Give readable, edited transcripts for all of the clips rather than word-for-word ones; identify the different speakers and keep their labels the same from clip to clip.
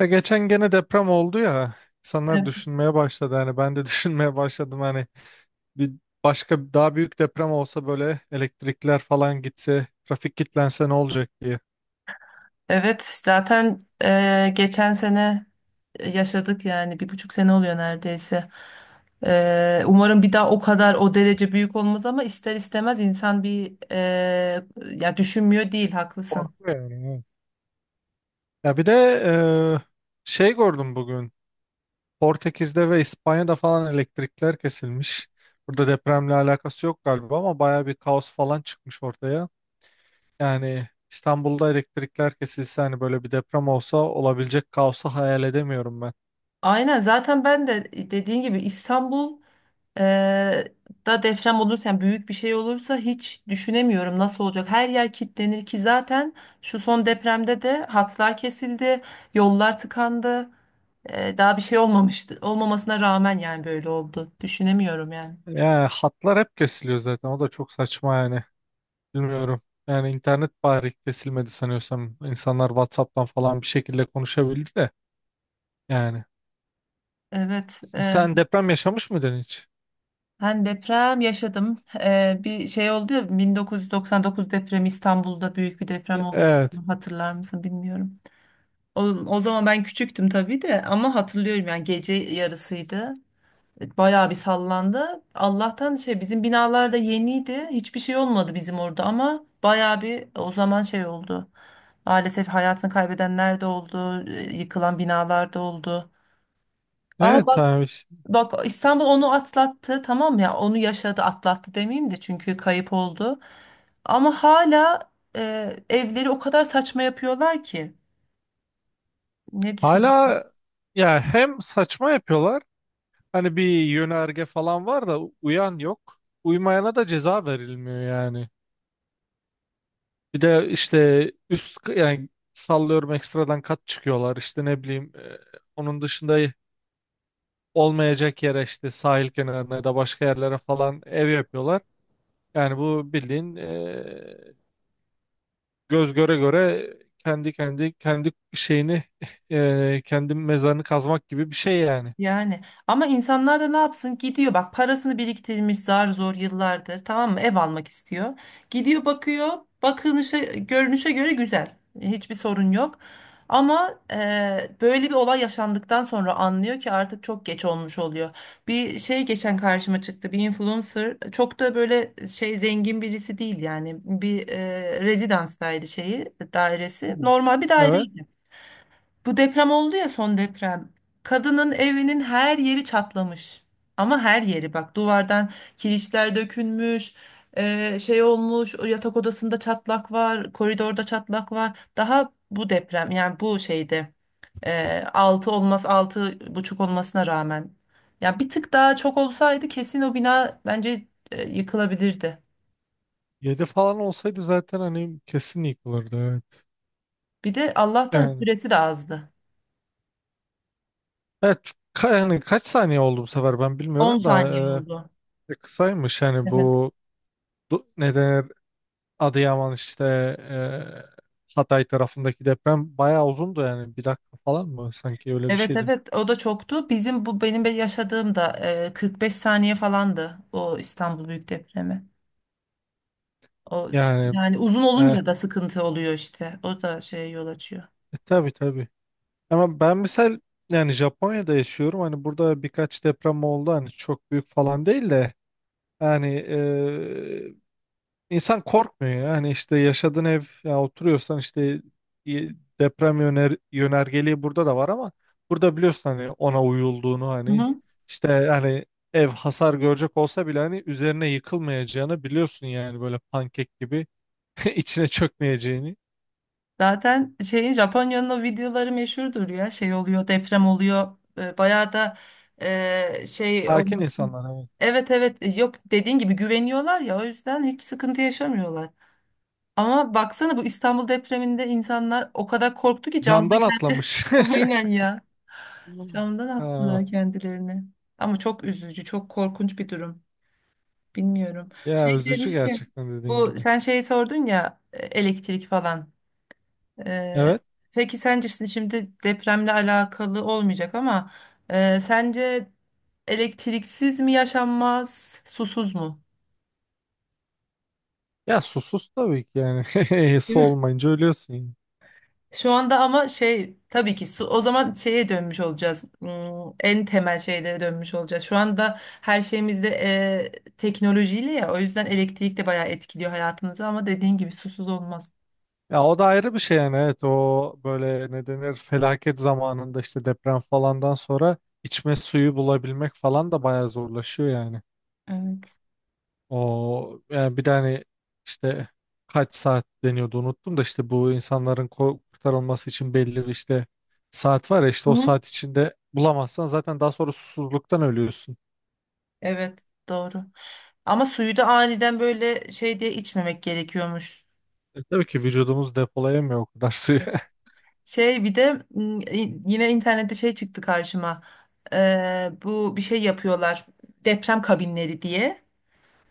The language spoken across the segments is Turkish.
Speaker 1: Ya geçen gene deprem oldu ya insanlar
Speaker 2: Ev-
Speaker 1: düşünmeye başladı hani ben de düşünmeye başladım hani bir başka daha büyük deprem olsa böyle elektrikler falan gitse trafik kilitlense ne olacak diye.
Speaker 2: Evet, zaten geçen sene yaşadık, yani 1,5 sene oluyor neredeyse. Umarım bir daha o kadar o derece büyük olmaz ama ister istemez insan bir ya, düşünmüyor değil, haklısın.
Speaker 1: Korkuyor yani. Evet. Ya bir de e, şey gördüm bugün Portekiz'de ve İspanya'da falan elektrikler kesilmiş. Burada depremle alakası yok galiba ama baya bir kaos falan çıkmış ortaya. Yani İstanbul'da elektrikler kesilse hani böyle bir deprem olsa olabilecek kaosu hayal edemiyorum ben.
Speaker 2: Aynen, zaten ben de dediğin gibi İstanbul e, da deprem olursa, yani büyük bir şey olursa, hiç düşünemiyorum nasıl olacak. Her yer kilitlenir ki zaten şu son depremde de hatlar kesildi, yollar tıkandı. Daha bir şey olmamıştı. Olmamasına rağmen yani böyle oldu. Düşünemiyorum yani.
Speaker 1: Ya hatlar hep kesiliyor zaten. O da çok saçma yani. Bilmiyorum. Yani internet bari kesilmedi sanıyorsam. İnsanlar WhatsApp'tan falan bir şekilde konuşabildi de. Yani.
Speaker 2: Evet,
Speaker 1: Sen deprem yaşamış mıydın hiç?
Speaker 2: ben deprem yaşadım. Bir şey oldu ya, 1999 depremi, İstanbul'da büyük bir deprem olmuştu.
Speaker 1: Evet.
Speaker 2: Hatırlar mısın bilmiyorum. O zaman ben küçüktüm tabii de ama hatırlıyorum, yani gece yarısıydı. Bayağı bir sallandı. Allah'tan şey, bizim binalar da yeniydi. Hiçbir şey olmadı bizim orada ama bayağı bir o zaman şey oldu. Maalesef hayatını kaybedenler de oldu, yıkılan binalar da oldu. Ama
Speaker 1: Evet
Speaker 2: bak,
Speaker 1: abi. İşte.
Speaker 2: bak, İstanbul onu atlattı, tamam mı? Ya onu yaşadı, atlattı demeyeyim de çünkü kayıp oldu. Ama hala evleri o kadar saçma yapıyorlar ki. Ne
Speaker 1: Hala ya hem saçma yapıyorlar. Hani bir yönerge falan var da uyan yok. Uymayana da ceza verilmiyor yani. Bir de işte üst yani sallıyorum ekstradan kat çıkıyorlar. İşte ne bileyim onun dışında olmayacak yere işte sahil kenarına ya da başka yerlere falan ev yapıyorlar. Yani bu bildiğin göz göre göre kendi şeyini kendi mezarını kazmak gibi bir şey yani.
Speaker 2: Yani, ama insanlar da ne yapsın, gidiyor bak, parasını biriktirmiş zar zor yıllardır, tamam mı, ev almak istiyor. Gidiyor, bakıyor, bakınışa, görünüşe göre güzel, hiçbir sorun yok. Ama böyle bir olay yaşandıktan sonra anlıyor ki artık çok geç olmuş oluyor. Bir şey geçen karşıma çıktı, bir influencer, çok da böyle şey zengin birisi değil, yani bir rezidanstaydı, şeyi dairesi
Speaker 1: Hmm.
Speaker 2: normal bir
Speaker 1: Evet.
Speaker 2: daireydi. Bu deprem oldu ya, son deprem. Kadının evinin her yeri çatlamış. Ama her yeri, bak, duvardan kirişler dökülmüş. Olmuş, o yatak odasında çatlak var, koridorda çatlak var. Daha bu deprem, yani bu şeyde 6 olmaz, 6,5 olmasına rağmen. Ya bir tık daha çok olsaydı, kesin o bina bence yıkılabilirdi.
Speaker 1: 7 falan olsaydı zaten hani kesin yıkılırdı. Evet.
Speaker 2: Bir de Allah'tan
Speaker 1: Yani,
Speaker 2: süresi de azdı.
Speaker 1: evet, yani kaç saniye oldu bu sefer ben
Speaker 2: 10
Speaker 1: bilmiyorum da
Speaker 2: saniye oldu.
Speaker 1: kısaymış yani
Speaker 2: Evet.
Speaker 1: bu neden Adıyaman işte Hatay tarafındaki deprem bayağı uzundu yani bir dakika falan mı sanki öyle bir
Speaker 2: Evet,
Speaker 1: şeydi.
Speaker 2: evet, o da çoktu. Bizim bu benim yaşadığım da 45 saniye falandı, o İstanbul Büyük Depremi. O
Speaker 1: Yani
Speaker 2: yani uzun
Speaker 1: e,
Speaker 2: olunca da sıkıntı oluyor işte. O da şeye yol açıyor.
Speaker 1: tabii tabii. Ama ben misal yani Japonya'da yaşıyorum hani burada birkaç deprem oldu hani çok büyük falan değil de yani İnsan korkmuyor ya. Hani işte yaşadığın ev ya oturuyorsan işte y- deprem yönergeliği burada da var ama burada biliyorsun hani ona uyulduğunu
Speaker 2: Hı
Speaker 1: hani
Speaker 2: hı.
Speaker 1: işte hani ev hasar görecek olsa bile hani üzerine yıkılmayacağını biliyorsun yani böyle pankek gibi içine çökmeyeceğini.
Speaker 2: Zaten şeyin, Japonya'nın o videoları meşhurdur ya. Şey oluyor, deprem oluyor. Bayağı da şey
Speaker 1: Sakin
Speaker 2: olması.
Speaker 1: insanlar evet.
Speaker 2: Evet, evet, yok, dediğin gibi güveniyorlar ya, o yüzden hiç sıkıntı yaşamıyorlar. Ama baksana, bu İstanbul depreminde insanlar o kadar korktu ki.
Speaker 1: Camdan atlamış.
Speaker 2: Aynen ya.
Speaker 1: Hmm.
Speaker 2: Camdan
Speaker 1: Aa,
Speaker 2: attılar kendilerini. Ama çok üzücü, çok korkunç bir durum. Bilmiyorum. Şey
Speaker 1: ya üzücü
Speaker 2: demiş ki,
Speaker 1: gerçekten dediğin
Speaker 2: bu,
Speaker 1: gibi.
Speaker 2: sen şey sordun ya, elektrik falan. Ee,
Speaker 1: Evet.
Speaker 2: peki sence, şimdi depremle alakalı olmayacak ama sence elektriksiz mi yaşanmaz, susuz mu?
Speaker 1: Ya susuz tabii ki yani. Su olmayınca ölüyorsun.
Speaker 2: Şu anda ama şey, tabii ki su, o zaman şeye dönmüş olacağız. En temel şeylere dönmüş olacağız. Şu anda her şeyimizde teknolojiyle, ya, o yüzden elektrik de bayağı etkiliyor hayatımızı, ama dediğin gibi susuz olmaz.
Speaker 1: Ya o da ayrı bir şey yani evet o böyle ne denir felaket zamanında işte deprem falandan sonra içme suyu bulabilmek falan da bayağı zorlaşıyor yani.
Speaker 2: Evet.
Speaker 1: O yani bir de hani işte kaç saat deniyordu unuttum da işte bu insanların kurtarılması için belli bir işte saat var ya işte
Speaker 2: Hı
Speaker 1: o
Speaker 2: hı.
Speaker 1: saat içinde bulamazsan zaten daha sonra susuzluktan ölüyorsun.
Speaker 2: Evet, doğru. Ama suyu da aniden böyle şey diye içmemek gerekiyormuş.
Speaker 1: Tabii ki vücudumuz depolayamıyor o kadar suyu.
Speaker 2: Şey, bir de yine internette şey çıktı karşıma. Bu bir şey yapıyorlar, deprem kabinleri diye.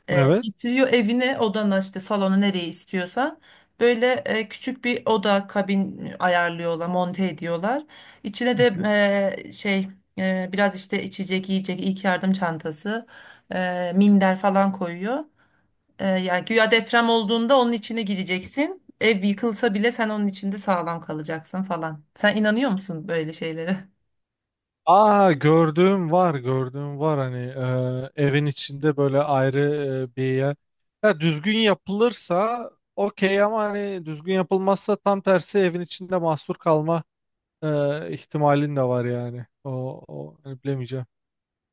Speaker 2: E,
Speaker 1: Evet.
Speaker 2: getiriyor evine, odana, işte salona, nereye istiyorsan. Böyle küçük bir oda kabin ayarlıyorlar, monte ediyorlar. İçine de e, şey biraz işte içecek, yiyecek, ilk yardım çantası, minder falan koyuyor. Yani güya deprem olduğunda onun içine gireceksin, ev yıkılsa bile sen onun içinde sağlam kalacaksın falan. Sen inanıyor musun böyle şeylere?
Speaker 1: Aa gördüğüm var gördüğüm var hani evin içinde böyle ayrı bir yer. Ya düzgün yapılırsa okey ama hani düzgün yapılmazsa tam tersi evin içinde mahsur kalma ihtimalin de var yani. O hani bilemeyeceğim.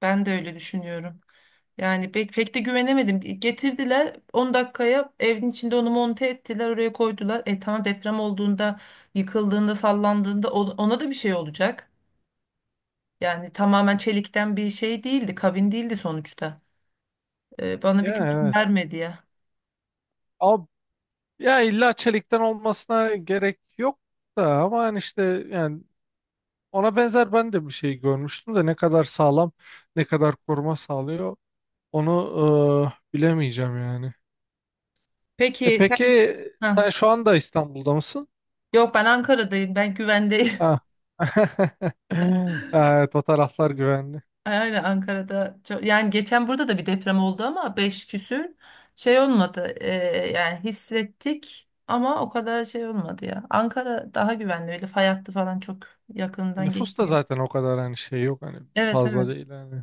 Speaker 2: Ben de öyle düşünüyorum. Yani pek pek de güvenemedim. Getirdiler, 10 dakikaya evin içinde onu monte ettiler, oraya koydular. E tamam, deprem olduğunda, yıkıldığında, sallandığında ona da bir şey olacak. Yani tamamen çelikten bir şey değildi, kabin değildi sonuçta. Bana
Speaker 1: Ya
Speaker 2: bir güven
Speaker 1: evet.
Speaker 2: vermedi ya.
Speaker 1: Ama ya illa çelikten olmasına gerek yok da ama hani işte yani ona benzer ben de bir şey görmüştüm de ne kadar sağlam ne kadar koruma sağlıyor onu bilemeyeceğim yani. E
Speaker 2: Peki sen
Speaker 1: peki
Speaker 2: ha,
Speaker 1: sen şu anda İstanbul'da mısın?
Speaker 2: yok ben Ankara'dayım. Ben güvendeyim.
Speaker 1: Ha. Evet o taraflar güvenli.
Speaker 2: Aynen, Ankara'da çok, yani geçen burada da bir deprem oldu ama 5 küsür, şey olmadı. Yani hissettik ama o kadar şey olmadı ya. Ankara daha güvenli, öyle fay hattı falan çok yakından
Speaker 1: Nüfus da
Speaker 2: geçmiyor.
Speaker 1: zaten o kadar hani şey yok hani
Speaker 2: Evet, evet.
Speaker 1: fazla değil hani.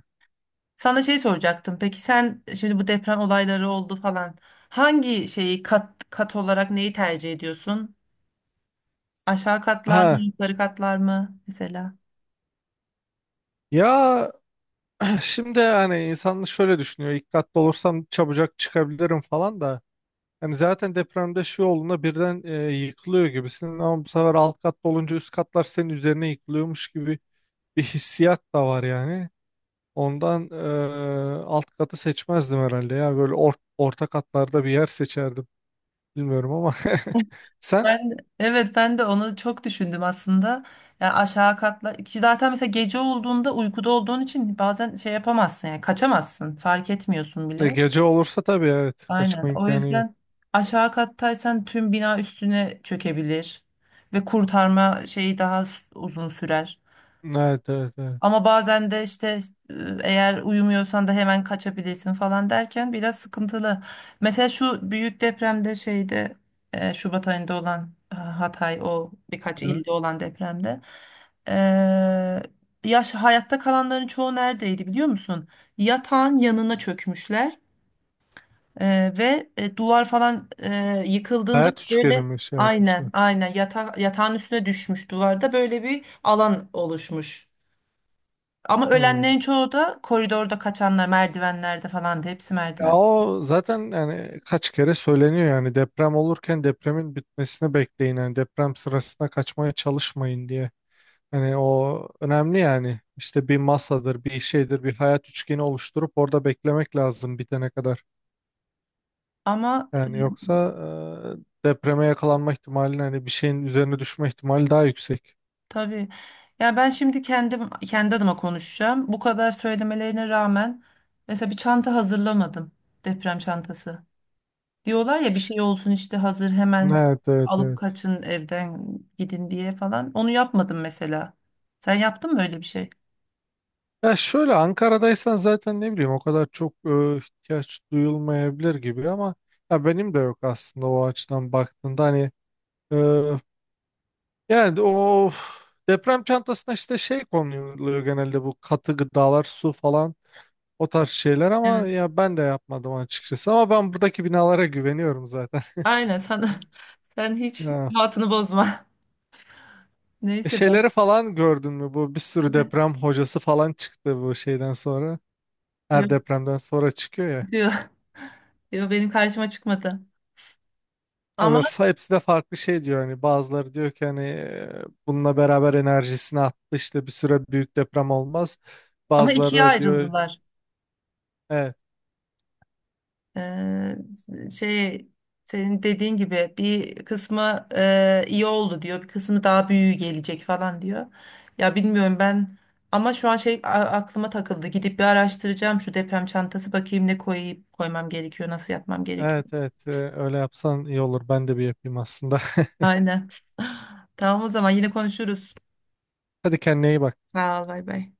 Speaker 2: Sana şey soracaktım. Peki sen şimdi, bu deprem olayları oldu falan, hangi şeyi, kat kat olarak neyi tercih ediyorsun? Aşağı katlar mı,
Speaker 1: Ha
Speaker 2: yukarı katlar mı mesela?
Speaker 1: ya şimdi hani insan şöyle düşünüyor dikkatli olursam çabucak çıkabilirim falan da. Hani zaten depremde şey olduğunda birden yıkılıyor gibisin ama bu sefer alt katta olunca üst katlar senin üzerine yıkılıyormuş gibi bir hissiyat da var yani. Ondan alt katı seçmezdim herhalde ya. Böyle orta katlarda bir yer seçerdim. Bilmiyorum ama sen
Speaker 2: Ben, evet, ben de onu çok düşündüm aslında. Yani aşağı katla ki zaten, mesela gece olduğunda uykuda olduğun için bazen şey yapamazsın, yani kaçamazsın, fark etmiyorsun bile.
Speaker 1: gece olursa tabii evet
Speaker 2: Aynen,
Speaker 1: kaçma
Speaker 2: o
Speaker 1: imkanı yok.
Speaker 2: yüzden aşağı kattaysan tüm bina üstüne çökebilir ve kurtarma şeyi daha uzun sürer.
Speaker 1: Evet evet evet.
Speaker 2: Ama bazen de işte e, eğer uyumuyorsan da hemen kaçabilirsin falan derken, biraz sıkıntılı. Mesela şu büyük depremde, şeyde, Şubat ayında olan, Hatay, o birkaç
Speaker 1: Evet.
Speaker 2: ilde olan depremde, e, yaş hayatta kalanların çoğu neredeydi biliyor musun? Yatağın yanına çökmüşler ve duvar falan yıkıldığında
Speaker 1: Hayat üçgeni
Speaker 2: böyle,
Speaker 1: mi şey
Speaker 2: aynen,
Speaker 1: yapmışlar?
Speaker 2: aynen, yatağın üstüne düşmüş, duvarda böyle bir alan oluşmuş. Ama
Speaker 1: Hmm.
Speaker 2: ölenlerin çoğu da koridorda kaçanlar, merdivenlerde falan, da hepsi
Speaker 1: Ya
Speaker 2: merdiven.
Speaker 1: o zaten yani kaç kere söyleniyor yani deprem olurken depremin bitmesini bekleyin yani deprem sırasında kaçmaya çalışmayın diye. Hani o önemli yani işte bir masadır bir şeydir bir hayat üçgeni oluşturup orada beklemek lazım bitene kadar.
Speaker 2: Ama
Speaker 1: Yani yoksa depreme yakalanma ihtimali hani bir şeyin üzerine düşme ihtimali daha yüksek.
Speaker 2: tabii. Ya ben şimdi kendim, kendi adıma konuşacağım. Bu kadar söylemelerine rağmen mesela bir çanta hazırlamadım, deprem çantası. Diyorlar ya, bir şey olsun işte, hazır hemen
Speaker 1: Evet evet
Speaker 2: alıp
Speaker 1: evet.
Speaker 2: kaçın evden, gidin diye falan. Onu yapmadım mesela. Sen yaptın mı öyle bir şey?
Speaker 1: Ya şöyle Ankara'daysan zaten ne bileyim o kadar çok ihtiyaç duyulmayabilir gibi ama ya benim de yok aslında o açıdan baktığında hani e, yani o deprem çantasına işte şey konuluyor genelde bu katı gıdalar su falan o tarz şeyler
Speaker 2: Evet.
Speaker 1: ama ya ben de yapmadım açıkçası ama ben buradaki binalara güveniyorum zaten.
Speaker 2: Aynen, sen hiç rahatını bozma. Neyse ben.
Speaker 1: Şeyleri falan gördün mü? Bu bir sürü deprem hocası falan çıktı bu şeyden sonra. Her
Speaker 2: Yok,
Speaker 1: depremden sonra çıkıyor ya.
Speaker 2: diyor. Diyor, benim karşıma çıkmadı.
Speaker 1: Ya
Speaker 2: Ama
Speaker 1: böyle hepsi de farklı şey diyor hani bazıları diyor ki hani bununla beraber enerjisini attı işte bir süre büyük deprem olmaz. Bazıları
Speaker 2: ikiye
Speaker 1: da diyor
Speaker 2: ayrıldılar.
Speaker 1: evet
Speaker 2: Ee, şey senin dediğin gibi bir kısmı iyi oldu diyor, bir kısmı daha büyüğü gelecek falan diyor. Ya, bilmiyorum ben, ama şu an aklıma takıldı. Gidip bir araştıracağım şu deprem çantası, bakayım ne koyayım, koymam gerekiyor, nasıl yapmam gerekiyor.
Speaker 1: evet evet öyle yapsan iyi olur ben de bir yapayım aslında.
Speaker 2: Aynen. Tamam, o zaman yine konuşuruz.
Speaker 1: Hadi kendine iyi bak.
Speaker 2: Sağ ol, bay bay.